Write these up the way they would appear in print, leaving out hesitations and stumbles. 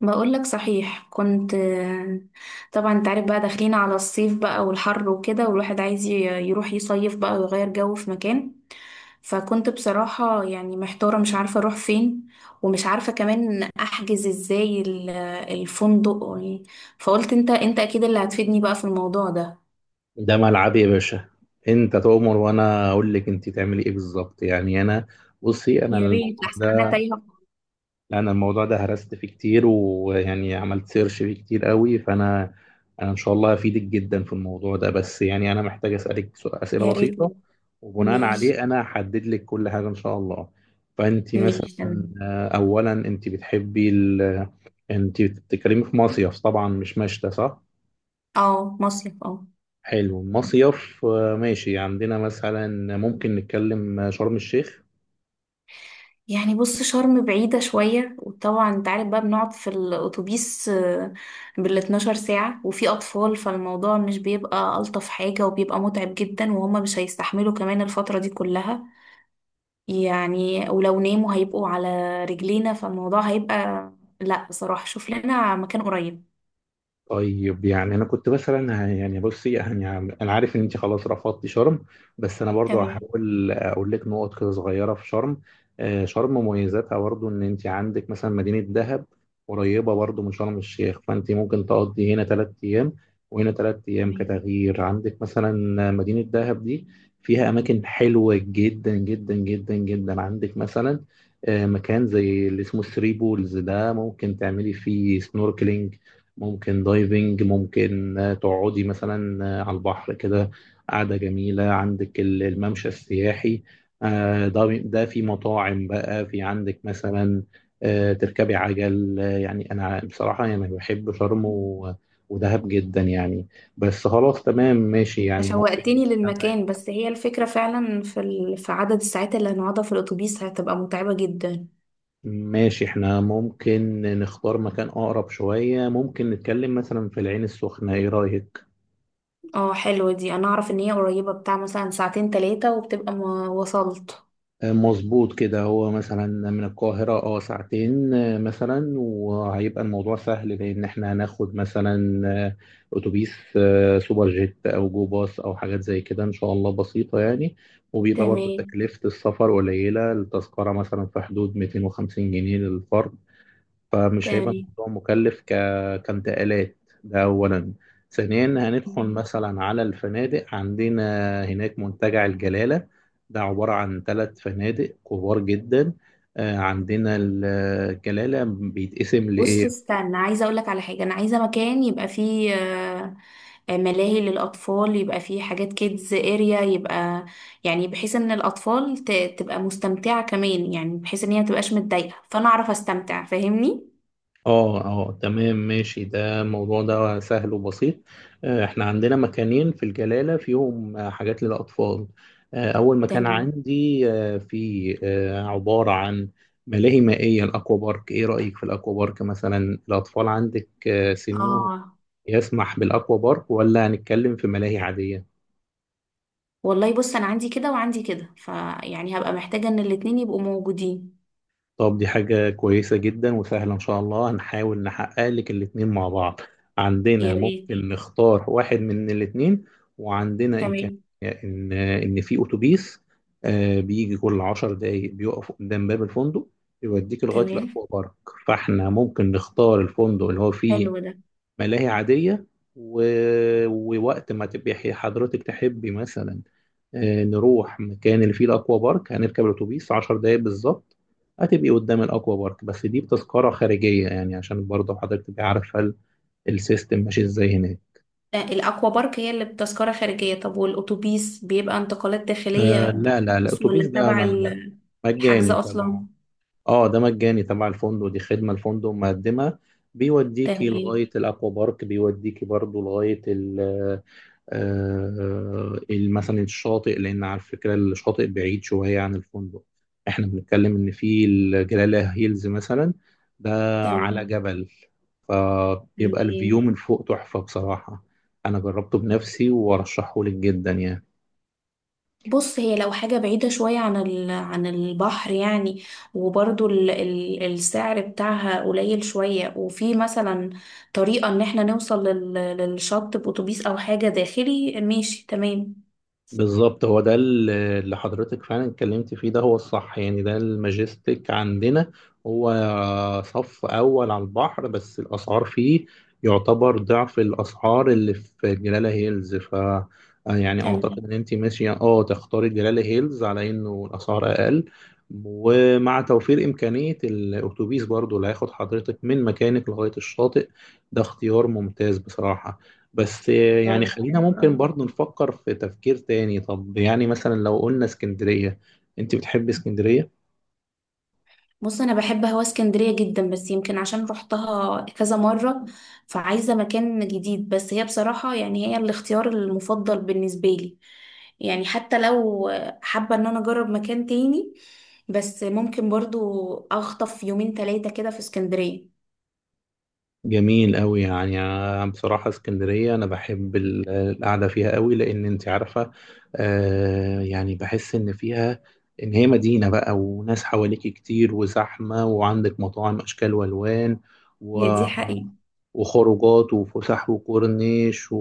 بقول لك صحيح كنت. طبعا انت عارف بقى، داخلين على الصيف بقى والحر وكده، والواحد عايز يروح يصيف بقى ويغير جو في مكان. فكنت بصراحة يعني محتارة، مش عارفة اروح فين، ومش عارفة كمان احجز ازاي الفندق. فقلت انت اكيد اللي هتفيدني بقى في الموضوع ده. ده ملعبي يا باشا. انت تؤمر وانا اقول لك انت تعملي ايه بالظبط. يعني انا يا ريت، الموضوع احسن انا ده تايهة. هرست فيه كتير ويعني عملت سيرش فيه كتير قوي فانا ان شاء الله هفيدك جدا في الموضوع ده، بس يعني انا محتاج اسالك اسئله يا ريت. بسيطه وبناء ماشي. عليه انا هحدد لك كل حاجه ان شاء الله. فانت مثلا، ماشي تمام. اولا انت بتحبي انت بتتكلمي في مصيف طبعا مش مشتى، صح؟ اه، مصيف، اه. حلو، مصيف، ماشي. عندنا مثلا ممكن نتكلم شرم الشيخ. يعني بص، شرم بعيدة شوية، وطبعا انت عارف بقى بنقعد في الأتوبيس بال 12 ساعة وفي أطفال، فالموضوع مش بيبقى ألطف حاجة، وبيبقى متعب جدا، وهما مش هيستحملوا كمان الفترة دي كلها. يعني ولو ناموا هيبقوا على رجلينا، فالموضوع هيبقى، لا بصراحة شوف لنا مكان قريب. طيب يعني انا كنت مثلا بصي يعني انا عارف ان انت خلاص رفضتي شرم، بس انا برضو تمام. هحاول اقول لك نقط كده صغيره في شرم. شرم مميزاتها برضو ان انت عندك مثلا مدينه دهب قريبه برضو من شرم الشيخ، فانت ممكن تقضي هنا ثلاث ايام وهنا ثلاث ايام تمام، كتغيير. عندك مثلا مدينه دهب دي فيها اماكن حلوه جدا جدا جدا جدا. عندك مثلا مكان زي اللي اسمه ثري بولز، ده ممكن تعملي فيه سنوركلينج، ممكن دايفنج، ممكن تقعدي مثلا على البحر كده قعدة جميلة. عندك الممشى السياحي، ده في مطاعم بقى. في عندك مثلا تركبي عجل. يعني أنا بصراحة يعني بحب شرم ودهب جدا يعني. بس خلاص، تمام، ماشي. انت يعني ممكن شوقتني للمكان، بس هي الفكرة فعلا في في عدد الساعات اللي هنقعدها في الأتوبيس هتبقى متعبة جدا. ماشي احنا ممكن نختار مكان أقرب شوية. ممكن نتكلم مثلا في العين السخنة، ايه رأيك؟ اه حلوة دي، انا اعرف ان هي قريبة، بتاع مثلا ساعتين تلاتة وبتبقى ما وصلت. مظبوط كده. هو مثلا من القاهرة اه ساعتين مثلا، وهيبقى الموضوع سهل لأن احنا هناخد مثلا أتوبيس سوبر جيت أو جو باص أو حاجات زي كده، إن شاء الله بسيطة يعني. وبيبقى برضو تمام. تكلفة السفر قليلة، التذكرة مثلا في حدود 250 جنيه للفرد، فمش هيبقى تمام. الموضوع كانتقالات. ده أولا. ثانيا هندخل مثلا على الفنادق. عندنا هناك منتجع الجلالة، ده عبارة عن ثلاث فنادق كبار جدا. عندنا الجلالة بيتقسم. بص استنى، عايزة اقولك على حاجة. انا عايزة مكان يبقى فيه ملاهي للاطفال، يبقى فيه حاجات كيدز اريا، يبقى يعني بحيث ان الاطفال تبقى مستمتعة كمان، يعني بحيث ان هي متبقاش متضايقة، فانا اعرف استمتع. فاهمني؟ اه اه تمام ماشي، ده الموضوع ده سهل وبسيط. احنا عندنا مكانين في الجلالة فيهم حاجات للأطفال. أول مكان تمام. عندي آه، في آه، عبارة عن ملاهي مائية، الأكوا بارك. إيه رأيك في الأكوا بارك مثلا؟ الأطفال عندك سنهم اه يسمح بالأكوا بارك ولا هنتكلم في ملاهي عادية؟ والله بص، انا عندي كده وعندي كده، فيعني هبقى محتاجة ان الاتنين يبقوا موجودين. طب دي حاجة كويسة جدا وسهلة، إن شاء الله هنحاول نحقق لك الاتنين مع بعض. يا عندنا ريت. ممكن نختار واحد من الاتنين، وعندنا إمكانية تمام. إن في أتوبيس بيجي كل عشر دقايق بيقف قدام باب الفندق يوديك لغاية تمام. الأكوا بارك. فإحنا ممكن نختار الفندق اللي هو حلو فيه ده. ملاهي عادية و... ووقت ما تبقي حضرتك تحبي مثلا نروح مكان اللي فيه الأكوا بارك، هنركب الأتوبيس عشر دقايق بالظبط، هتبقي قدام الأكوا بارك. بس دي بتذكرة خارجية يعني، عشان برضه حضرتك تبقي عارفة السيستم ماشي ازاي هناك. ده الأكوا بارك هي اللي بتذكرة خارجية؟ طب والأتوبيس بيبقى انتقالات داخلية آه لا لا لا، بفلوس، الأتوبيس ولا ده تبع ده الحجز مجاني تبع، أصلا؟ اه ده مجاني تبع الفندق، دي خدمة الفندق مقدمها، بيوديكي تمام. لغاية الأكوا بارك، بيوديكي برضه لغاية مثلا الشاطئ. لان على فكره الشاطئ بعيد شويه عن الفندق، احنا بنتكلم ان في الجلاله هيلز مثلا ده على تمام. جبل، فبيبقى الفيو تمام. من فوق تحفه بصراحه. انا جربته بنفسي وارشحه لك جدا يعني. بص، هي لو حاجة بعيدة شوية عن عن البحر يعني، وبرضو السعر بتاعها قليل شوية، وفي مثلا طريقة إن احنا نوصل للشط بأتوبيس أو حاجة داخلي، ماشي تمام. بالظبط، هو ده اللي حضرتك فعلا اتكلمت فيه، ده هو الصح يعني. ده الماجستيك عندنا، هو صف أول على البحر بس الأسعار فيه يعتبر ضعف الأسعار اللي في جلالة هيلز. ف يعني تمام. أعتقد إن أنت ماشية أه تختاري جلالة هيلز على إنه الأسعار أقل، ومع توفير إمكانية الأتوبيس برضو اللي هياخد حضرتك من مكانك لغاية الشاطئ. ده اختيار ممتاز بصراحة. بس يعني طيب خلينا حلو ممكن أوي. برضو نفكر في تفكير تاني. طب يعني مثلا لو قلنا اسكندرية، انت بتحب اسكندرية؟ بص، انا بحب هوا اسكندريه جدا، بس يمكن عشان رحتها كذا مره فعايزه مكان جديد. بس هي بصراحه يعني هي الاختيار المفضل بالنسبه لي. يعني حتى لو حابه ان انا اجرب مكان تاني، بس ممكن برضو اخطف يومين ثلاثه كده في اسكندريه. جميل قوي. يعني أنا بصراحة اسكندرية أنا بحب القعدة فيها قوي، لأن أنت عارفة آه يعني بحس إن فيها إن هي مدينة بقى، وناس حواليكي كتير وزحمة، وعندك مطاعم أشكال وألوان و... هي دي حقيقة. وخروجات وفسح وكورنيش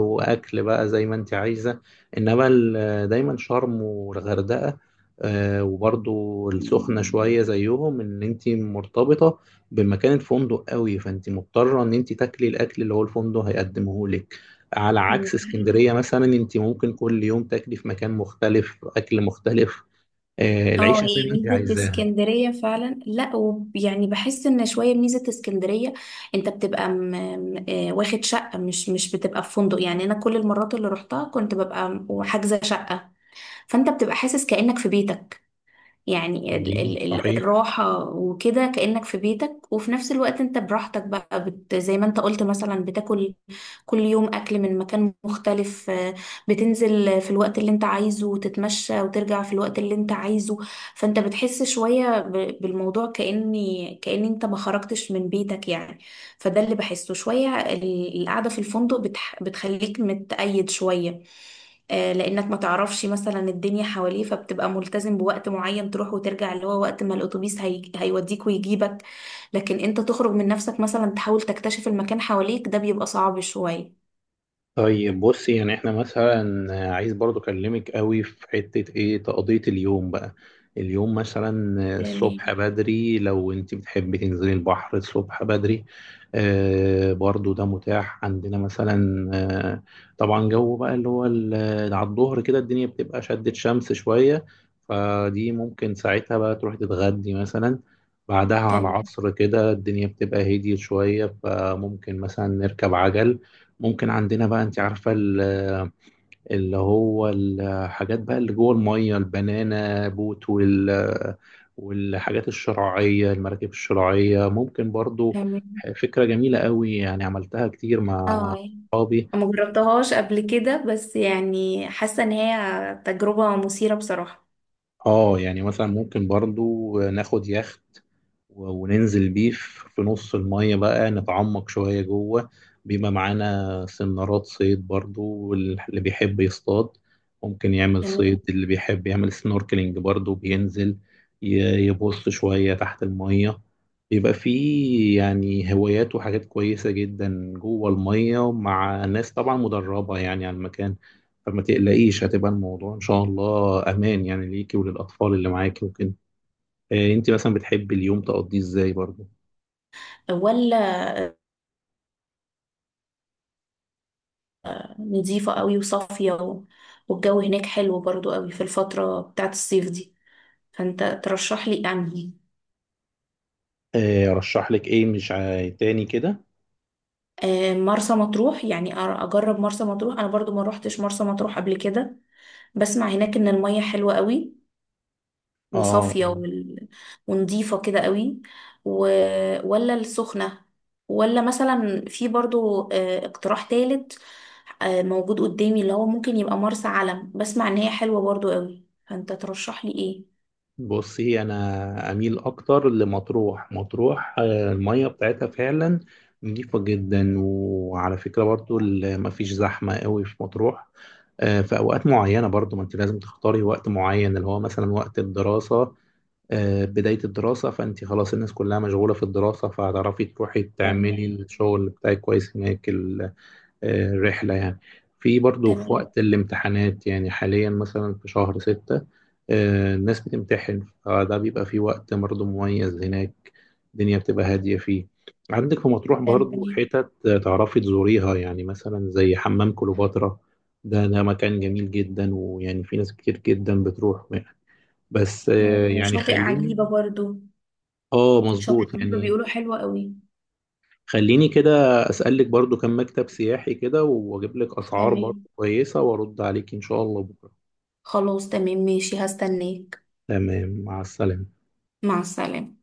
وأكل بقى زي ما أنت عايزة. إنما دايما شرم والغردقة آه وبرضو السخنة شوية زيهم، إن أنت مرتبطة بمكان الفندق قوي، فانت مضطره ان انت تاكلي الاكل اللي هو الفندق هيقدمه لك. على عكس مم. اسكندريه مثلا، انت ممكن كل يوم تاكلي في مكان مختلف اكل مختلف، آه اه، العيشه زي هي ما انت ميزة عايزاها. اسكندرية فعلا. لا يعني بحس ان شوية ميزة اسكندرية، انت بتبقى واخد شقة، مش بتبقى في فندق. يعني انا كل المرات اللي روحتها كنت ببقى وحاجزة شقة، فانت بتبقى حاسس كأنك في بيتك. يعني ال جميل، ال ال صحيح. الراحة وكده، كأنك في بيتك، وفي نفس الوقت انت براحتك بقى، زي ما انت قلت مثلا، بتاكل كل يوم أكل من مكان مختلف. بتنزل في الوقت اللي انت عايزه وتتمشى، وترجع في الوقت اللي انت عايزه. فانت بتحس شوية بالموضوع، كأن انت ما خرجتش من بيتك يعني. فده اللي بحسه، شوية القعدة في الفندق بتخليك متقيد شوية. لانك ما تعرفش مثلا الدنيا حواليه، فبتبقى ملتزم بوقت معين تروح وترجع، اللي هو وقت ما الاتوبيس هيوديك ويجيبك. لكن انت تخرج من نفسك مثلا، تحاول تكتشف المكان حواليك، ده بيبقى صعب شوية. طيب بصي يعني احنا مثلا عايز برضو اكلمك قوي في حتة ايه تقضية اليوم بقى. اليوم مثلا تمام. الصبح بدري لو انت بتحبي تنزلي البحر الصبح بدري، برضو ده متاح عندنا مثلا. آه طبعا جو بقى اللي هو على الظهر كده الدنيا بتبقى شدت شمس شوية، فدي ممكن ساعتها بقى تروحي تتغدي مثلا. بعدها على تمام. العصر كده الدنيا بتبقى هديت شوية، فممكن مثلا نركب عجل. ممكن عندنا بقى انت عارفة اللي هو الحاجات بقى اللي جوه المية، البنانا بوت والحاجات الشراعية، المراكب الشراعية ممكن برضو. تمام. فكرة جميلة قوي، يعني عملتها كتير مع اه، صحابي. ما جربتهاش قبل كده، بس يعني حاسة ان هي تجربة مثيرة بصراحة. اه يعني مثلا ممكن برضو ناخد يخت وننزل بيه في نص المية بقى، نتعمق شوية جوه. بيبقى معانا سنارات صيد برضو، واللي بيحب يصطاد ممكن يعمل صيد، تمام. اللي بيحب يعمل سنوركلينج برضو بينزل يبص شوية تحت المية. بيبقى فيه يعني هوايات وحاجات كويسة جدا جوه المية مع ناس طبعا مدربة يعني على المكان، فما تقلقيش هتبقى الموضوع ان شاء الله امان يعني ليكي وللاطفال اللي معاكي وكده. آه انت مثلا بتحبي اليوم تقضيه ازاي برضه؟ ولا، نظيفة قوي وصافية والجو هناك حلو برضو قوي في الفترة بتاعت الصيف دي. فانت ترشح لي انهي؟ آه رشح لك ايه مش عاي- تاني كده. مرسى مطروح يعني، اجرب مرسى مطروح. انا برضو ما روحتش مرسى مطروح قبل كده، بسمع هناك ان المية حلوة قوي، اه وصافية آه. ونضيفة كده قوي و... ولا السخنة، ولا مثلا في برضو اقتراح تالت موجود قدامي، اللي هو ممكن يبقى مرسى علم، بسمع ان هي حلوة برضو قوي. فانت ترشح لي ايه؟ بصي انا اميل اكتر لمطروح. مطروح آه الميه بتاعتها فعلا نضيفة جدا، وعلى فكرة برضو مفيش زحمة قوي في مطروح في أوقات معينة برضو، ما أنت لازم تختاري وقت معين اللي هو مثلا وقت الدراسة، بداية الدراسة، فأنت خلاص الناس كلها مشغولة في الدراسة فهتعرفي تروحي تعملي تمام. الشغل بتاعك كويس هناك الرحلة يعني. في برضو في تمام. وقت الامتحانات يعني حاليا مثلا في شهر ستة، الناس بتمتحن فده بيبقى فيه وقت برضو مميز هناك، الدنيا بتبقى هادية فيه. عندك في مطروح تمام. برضو حتت تعرفي تزوريها يعني، مثلا زي حمام كليوباترا، ده مكان جميل جدا ويعني في ناس كتير جدا بتروح. بس يعني وشاطئ عجيبة خليني، برضو. اه شاطئ مظبوط عجيبة يعني. بيقولوا حلوة قوي. خليني كده اسالك برضو كم مكتب سياحي كده واجيب لك اسعار تمام. برضو كويسه وارد عليك ان شاء الله بكره. خلاص تمام ماشي، هستناك. تمام، مع السلامه. مع السلامة.